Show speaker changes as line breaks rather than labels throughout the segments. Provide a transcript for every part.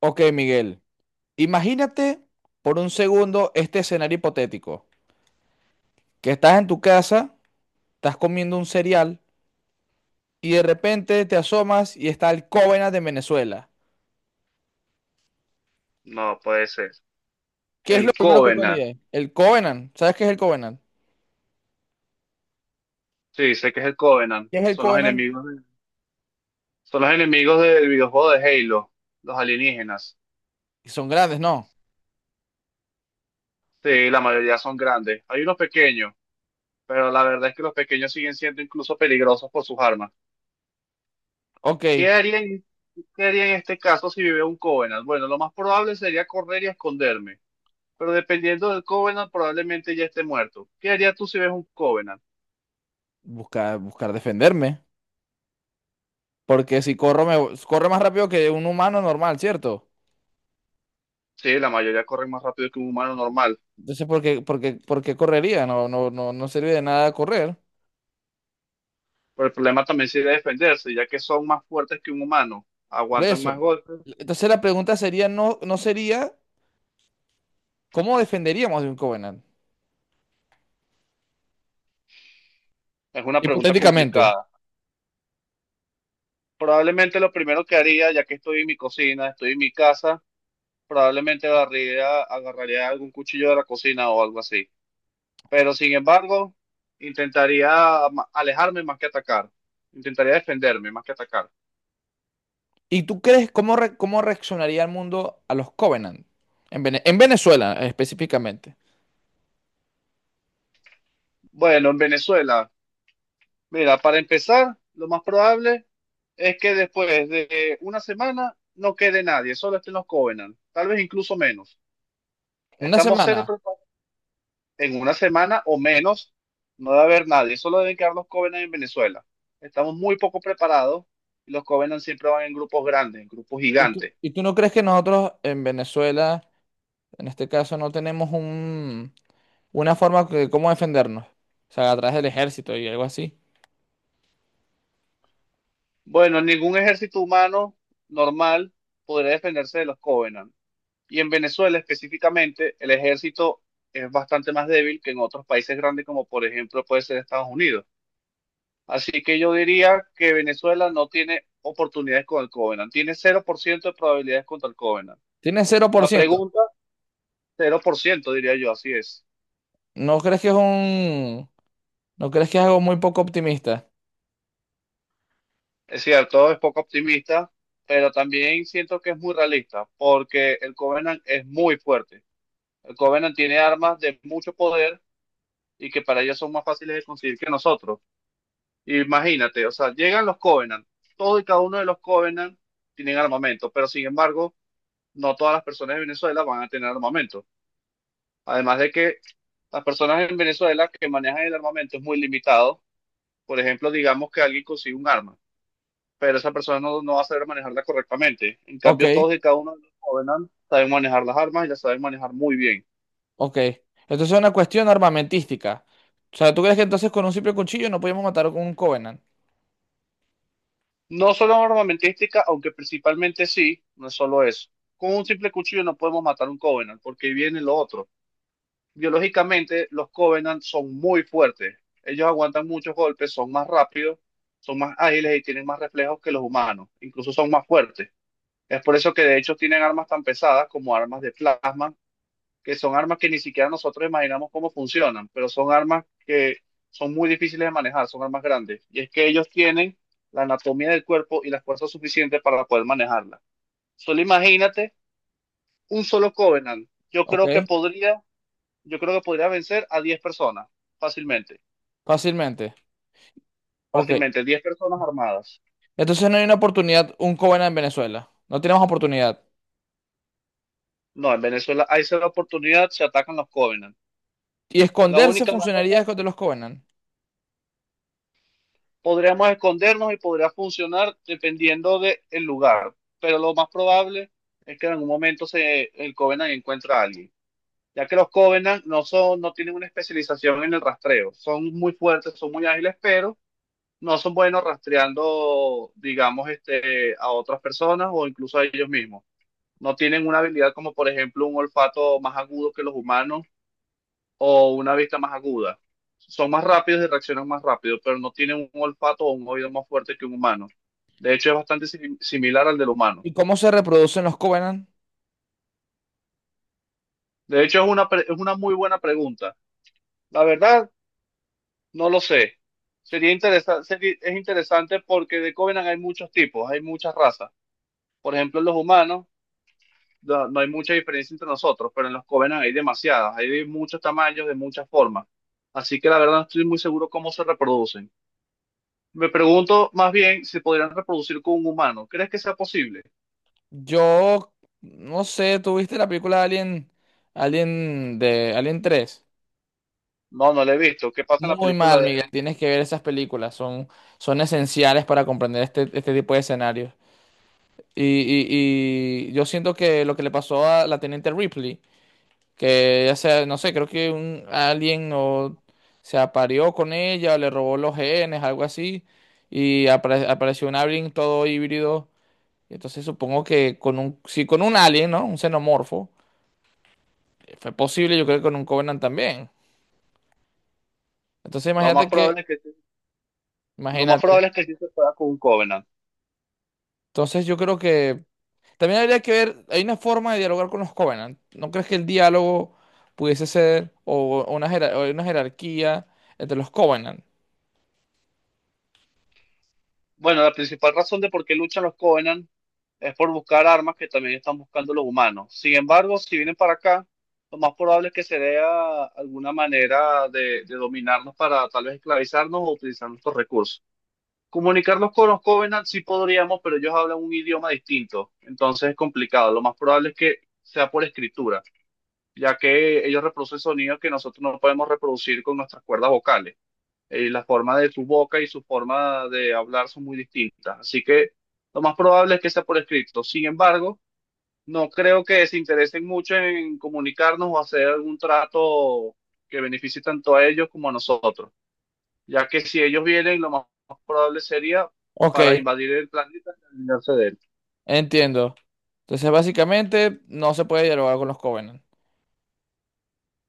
Ok, Miguel, imagínate por un segundo este escenario hipotético, que estás en tu casa, estás comiendo un cereal y de repente te asomas y está el Covenant de Venezuela.
No puede ser.
¿Qué es
El
lo primero que tú
Covenant.
harías? El Covenant, ¿sabes qué es el Covenant?
Sí, sé que es el Covenant.
¿Qué es el
Son los
Covenant?
son los enemigos del videojuego de Halo, los alienígenas.
Son grandes, ¿no?
Sí, la mayoría son grandes. Hay unos pequeños, pero la verdad es que los pequeños siguen siendo incluso peligrosos por sus armas.
Ok,
¿Qué haría en, ¿qué haría en este caso si vive un Covenant? Bueno, lo más probable sería correr y esconderme, pero dependiendo del Covenant probablemente ya esté muerto. ¿Qué harías tú si ves un Covenant?
buscar defenderme, porque si corro, corre más rápido que un humano normal, ¿cierto?
Sí, la mayoría corren más rápido que un humano normal.
Entonces, ¿ por qué correría? No, no, no, no sirve de nada correr.
Pero el problema también sería defenderse, ya que son más fuertes que un humano,
Por
aguantan más
eso.
golpes.
Entonces la pregunta sería, no, no sería, ¿cómo defenderíamos de un Covenant?
Es una pregunta
Hipotéticamente.
complicada. Probablemente lo primero que haría, ya que estoy en mi cocina, estoy en mi casa, probablemente agarraría algún cuchillo de la cocina o algo así. Pero sin embargo, intentaría alejarme más que atacar. Intentaría defenderme más que atacar.
¿Y tú crees cómo, cómo reaccionaría el mundo a los Covenant? En Venezuela, específicamente.
Bueno, en Venezuela, mira, para empezar, lo más probable es que después de una semana no quede nadie, solo estén los Covenant, tal vez incluso menos.
Una
Estamos
semana.
cero preparados. En una semana o menos no debe haber nadie, solo deben quedar los Covenant en Venezuela. Estamos muy poco preparados y los Covenant siempre van en grupos grandes, en grupos
¿Y tú,
gigantes.
y tú no crees que nosotros en Venezuela, en este caso, no tenemos una forma de cómo defendernos? O sea, a través del ejército y algo así.
Bueno, ningún ejército humano normal podría defenderse de los Covenant. Y en Venezuela específicamente, el ejército es bastante más débil que en otros países grandes como por ejemplo puede ser Estados Unidos. Así que yo diría que Venezuela no tiene oportunidades con el Covenant, tiene 0% de probabilidades contra el Covenant.
Tiene cero por
La
ciento.
pregunta, 0% diría yo, así es.
¿No crees que es un... ¿No crees que es algo muy poco optimista?
Es cierto, es poco optimista, pero también siento que es muy realista porque el Covenant es muy fuerte. El Covenant tiene armas de mucho poder y que para ellos son más fáciles de conseguir que nosotros. Imagínate, o sea, llegan los Covenant, todos y cada uno de los Covenant tienen armamento, pero sin embargo, no todas las personas de Venezuela van a tener armamento. Además de que las personas en Venezuela que manejan el armamento es muy limitado. Por ejemplo, digamos que alguien consigue un arma, pero esa persona no va a saber manejarla correctamente. En
Ok.
cambio, todos y cada uno de los Covenant saben manejar las armas y las saben manejar muy bien.
Ok. Entonces es una cuestión armamentística. O sea, ¿tú crees que entonces con un simple cuchillo no podíamos matar a un Covenant?
No solo armamentística, aunque principalmente sí, no es solo eso. Con un simple cuchillo no podemos matar un Covenant, porque ahí viene lo otro, biológicamente los Covenant son muy fuertes. Ellos aguantan muchos golpes, son más rápidos, son más ágiles y tienen más reflejos que los humanos. Incluso son más fuertes. Es por eso que de hecho tienen armas tan pesadas como armas de plasma, que son armas que ni siquiera nosotros imaginamos cómo funcionan, pero son armas que son muy difíciles de manejar, son armas grandes. Y es que ellos tienen la anatomía del cuerpo y la fuerza suficiente para poder manejarla. Solo imagínate un solo Covenant.
Ok.
Yo creo que podría vencer a 10 personas, fácilmente,
Fácilmente. Ok.
fácilmente, 10 personas armadas.
Entonces no hay una oportunidad, un Covenant en Venezuela. No tenemos oportunidad.
No, en Venezuela hay esa oportunidad, se atacan los Covenant.
Y
La
esconderse
única manera,
funcionaría de los Covenant.
podríamos escondernos y podría funcionar dependiendo del lugar, pero lo más probable es que en algún momento el Covenant encuentra a alguien, ya que los Covenant no tienen una especialización en el rastreo, son muy fuertes, son muy ágiles, pero no son buenos rastreando, digamos, a otras personas o incluso a ellos mismos. No tienen una habilidad como por ejemplo un olfato más agudo que los humanos o una vista más aguda. Son más rápidos y reaccionan más rápido, pero no tienen un olfato o un oído más fuerte que un humano. De hecho, es bastante similar al del humano.
¿Y cómo se reproducen los Covenant?
De hecho, es una muy buena pregunta. La verdad, no lo sé. Sería interesante, es interesante porque de Covenant hay muchos tipos, hay muchas razas. Por ejemplo, los humanos no hay mucha diferencia entre nosotros, pero en los Covenant hay demasiadas, hay de muchos tamaños, de muchas formas. Así que la verdad no estoy muy seguro cómo se reproducen. Me pregunto más bien si podrían reproducir con un humano. ¿Crees que sea posible?
Yo no sé, ¿tú viste la película de Alien, Alien de Alien 3?
No, no lo he visto. ¿Qué pasa en la
Muy
película
mal,
de
Miguel.
Alien?
Tienes que ver esas películas. Son, son esenciales para comprender este tipo de escenarios. Y yo siento que lo que le pasó a la teniente Ripley, que ya sea, no sé, creo que un alien o se apareó con ella, o le robó los genes, algo así, y apareció un alien todo híbrido. Entonces supongo que con un, si con un alien, ¿no? Un xenomorfo, fue posible, yo creo que con un Covenant también. Entonces
Lo más probable es que, lo más
imagínate.
probable es que sí se pueda con un Covenant.
Entonces yo creo que también habría que ver, hay una forma de dialogar con los Covenant. ¿No crees que el diálogo pudiese ser o una, jerar- o una jerarquía entre los Covenant?
Bueno, la principal razón de por qué luchan los Covenant es por buscar armas que también están buscando los humanos. Sin embargo, si vienen para acá, lo más probable es que se vea alguna manera de dominarnos para tal vez esclavizarnos o utilizar nuestros recursos. Comunicarnos con los Covenant sí podríamos, pero ellos hablan un idioma distinto, entonces es complicado. Lo más probable es que sea por escritura, ya que ellos reproducen sonidos que nosotros no podemos reproducir con nuestras cuerdas vocales, la forma de su boca y su forma de hablar son muy distintas. Así que lo más probable es que sea por escrito. Sin embargo, no creo que se interesen mucho en comunicarnos o hacer algún trato que beneficie tanto a ellos como a nosotros, ya que si ellos vienen, lo más probable sería
Ok,
para invadir el planeta y alinearse de él.
entiendo. Entonces, básicamente, no se puede dialogar con los Covenant.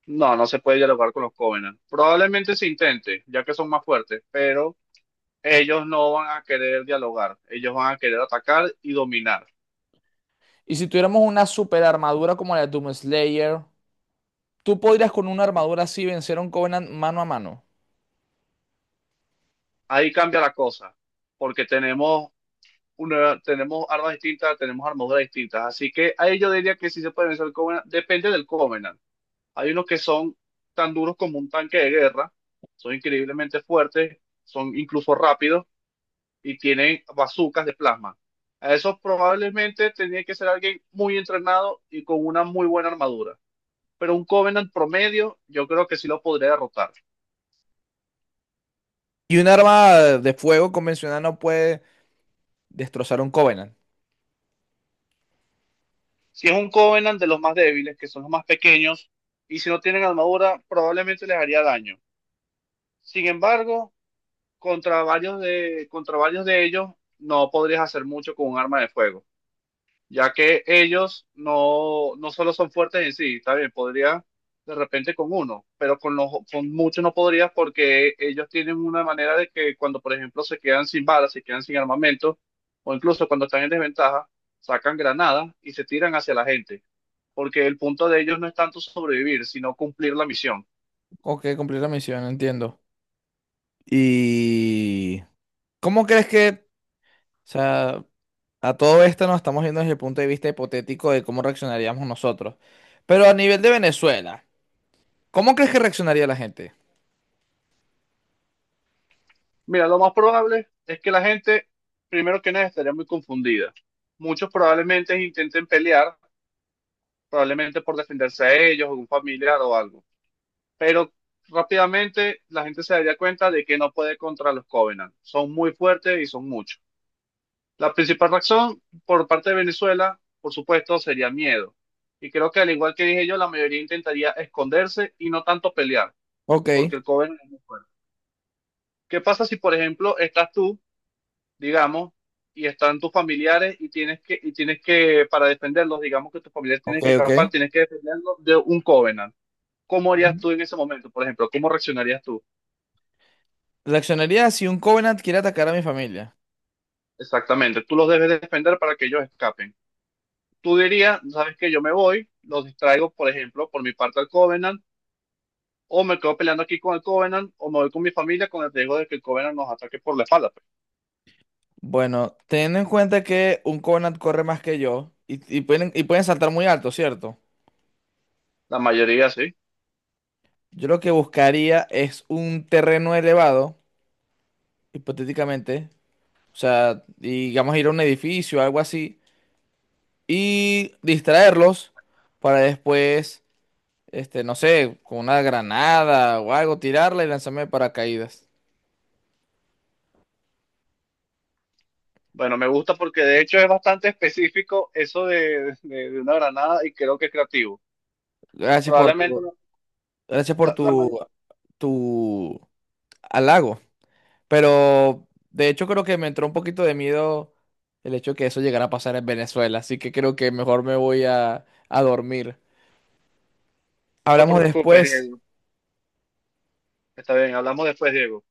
No, no se puede dialogar con los Covenant. Probablemente se intente, ya que son más fuertes, pero ellos no van a querer dialogar, ellos van a querer atacar y dominar.
Y si tuviéramos una super armadura como la de Doom Slayer, ¿tú podrías con una armadura así vencer a un Covenant mano a mano?
Ahí cambia la cosa, porque tenemos tenemos armas distintas, tenemos armaduras distintas. Así que ahí yo diría que sí se puede vencer el Covenant, depende del Covenant. Hay unos que son tan duros como un tanque de guerra, son increíblemente fuertes, son incluso rápidos y tienen bazucas de plasma. A esos probablemente tenía que ser alguien muy entrenado y con una muy buena armadura. Pero un Covenant promedio, yo creo que sí lo podría derrotar.
Y un arma de fuego convencional no puede destrozar a un Covenant.
Si es un Covenant de los más débiles, que son los más pequeños, y si no tienen armadura, probablemente les haría daño. Sin embargo, contra varios de ellos, no podrías hacer mucho con un arma de fuego, ya que ellos no solo son fuertes en sí, está bien, podría de repente con uno, pero con muchos no podrías porque ellos tienen una manera de que cuando, por ejemplo, se quedan sin balas, se quedan sin armamento, o incluso cuando están en desventaja, sacan granadas y se tiran hacia la gente porque el punto de ellos no es tanto sobrevivir, sino cumplir la misión.
Ok, cumplir la misión, entiendo. ¿Y cómo crees que, o sea, a todo esto nos estamos viendo desde el punto de vista hipotético de cómo reaccionaríamos nosotros? Pero a nivel de Venezuela, ¿cómo crees que reaccionaría la gente?
Mira, lo más probable es que la gente, primero que nada, estaría muy confundida. Muchos probablemente intenten pelear, probablemente por defenderse a ellos o un familiar o algo, pero rápidamente la gente se daría cuenta de que no puede contra los Covenant. Son muy fuertes y son muchos. La principal razón por parte de Venezuela, por supuesto, sería miedo. Y creo que al igual que dije yo, la mayoría intentaría esconderse y no tanto pelear,
Ok,
porque el Covenant es muy fuerte. ¿Qué pasa si, por ejemplo, estás tú, digamos, y están tus familiares y tienes que, para defenderlos, digamos que tus familiares
ok,
tienen que
ok.
escapar, tienes que defenderlos de un Covenant? ¿Cómo harías
Ujú.
tú en ese momento, por ejemplo? ¿Cómo reaccionarías tú?
Reaccionaría si un Covenant quiere atacar a mi familia.
Exactamente, tú los debes defender para que ellos escapen. Tú dirías, sabes que yo me voy, los distraigo, por ejemplo, por mi parte al Covenant, o me quedo peleando aquí con el Covenant, o me voy con mi familia con el riesgo de que el Covenant nos ataque por la espalda, pues.
Bueno, teniendo en cuenta que un Covenant corre más que yo y, y pueden saltar muy alto, ¿cierto?
La mayoría sí.
Yo lo que buscaría es un terreno elevado, hipotéticamente. O sea, digamos ir a un edificio, algo así, y distraerlos para después no sé, con una granada o algo, tirarla y lanzarme de paracaídas.
Bueno, me gusta porque de hecho es bastante específico eso de una granada y creo que es creativo.
Gracias por
Probablemente
tu,
no,
gracias por
la, la
tu,
may-
tu halago. Pero de hecho creo que me entró un poquito de miedo el hecho de que eso llegara a pasar en Venezuela, así que creo que mejor me voy a dormir.
no te
Hablamos
preocupes,
después.
Diego. Está bien, hablamos después, Diego.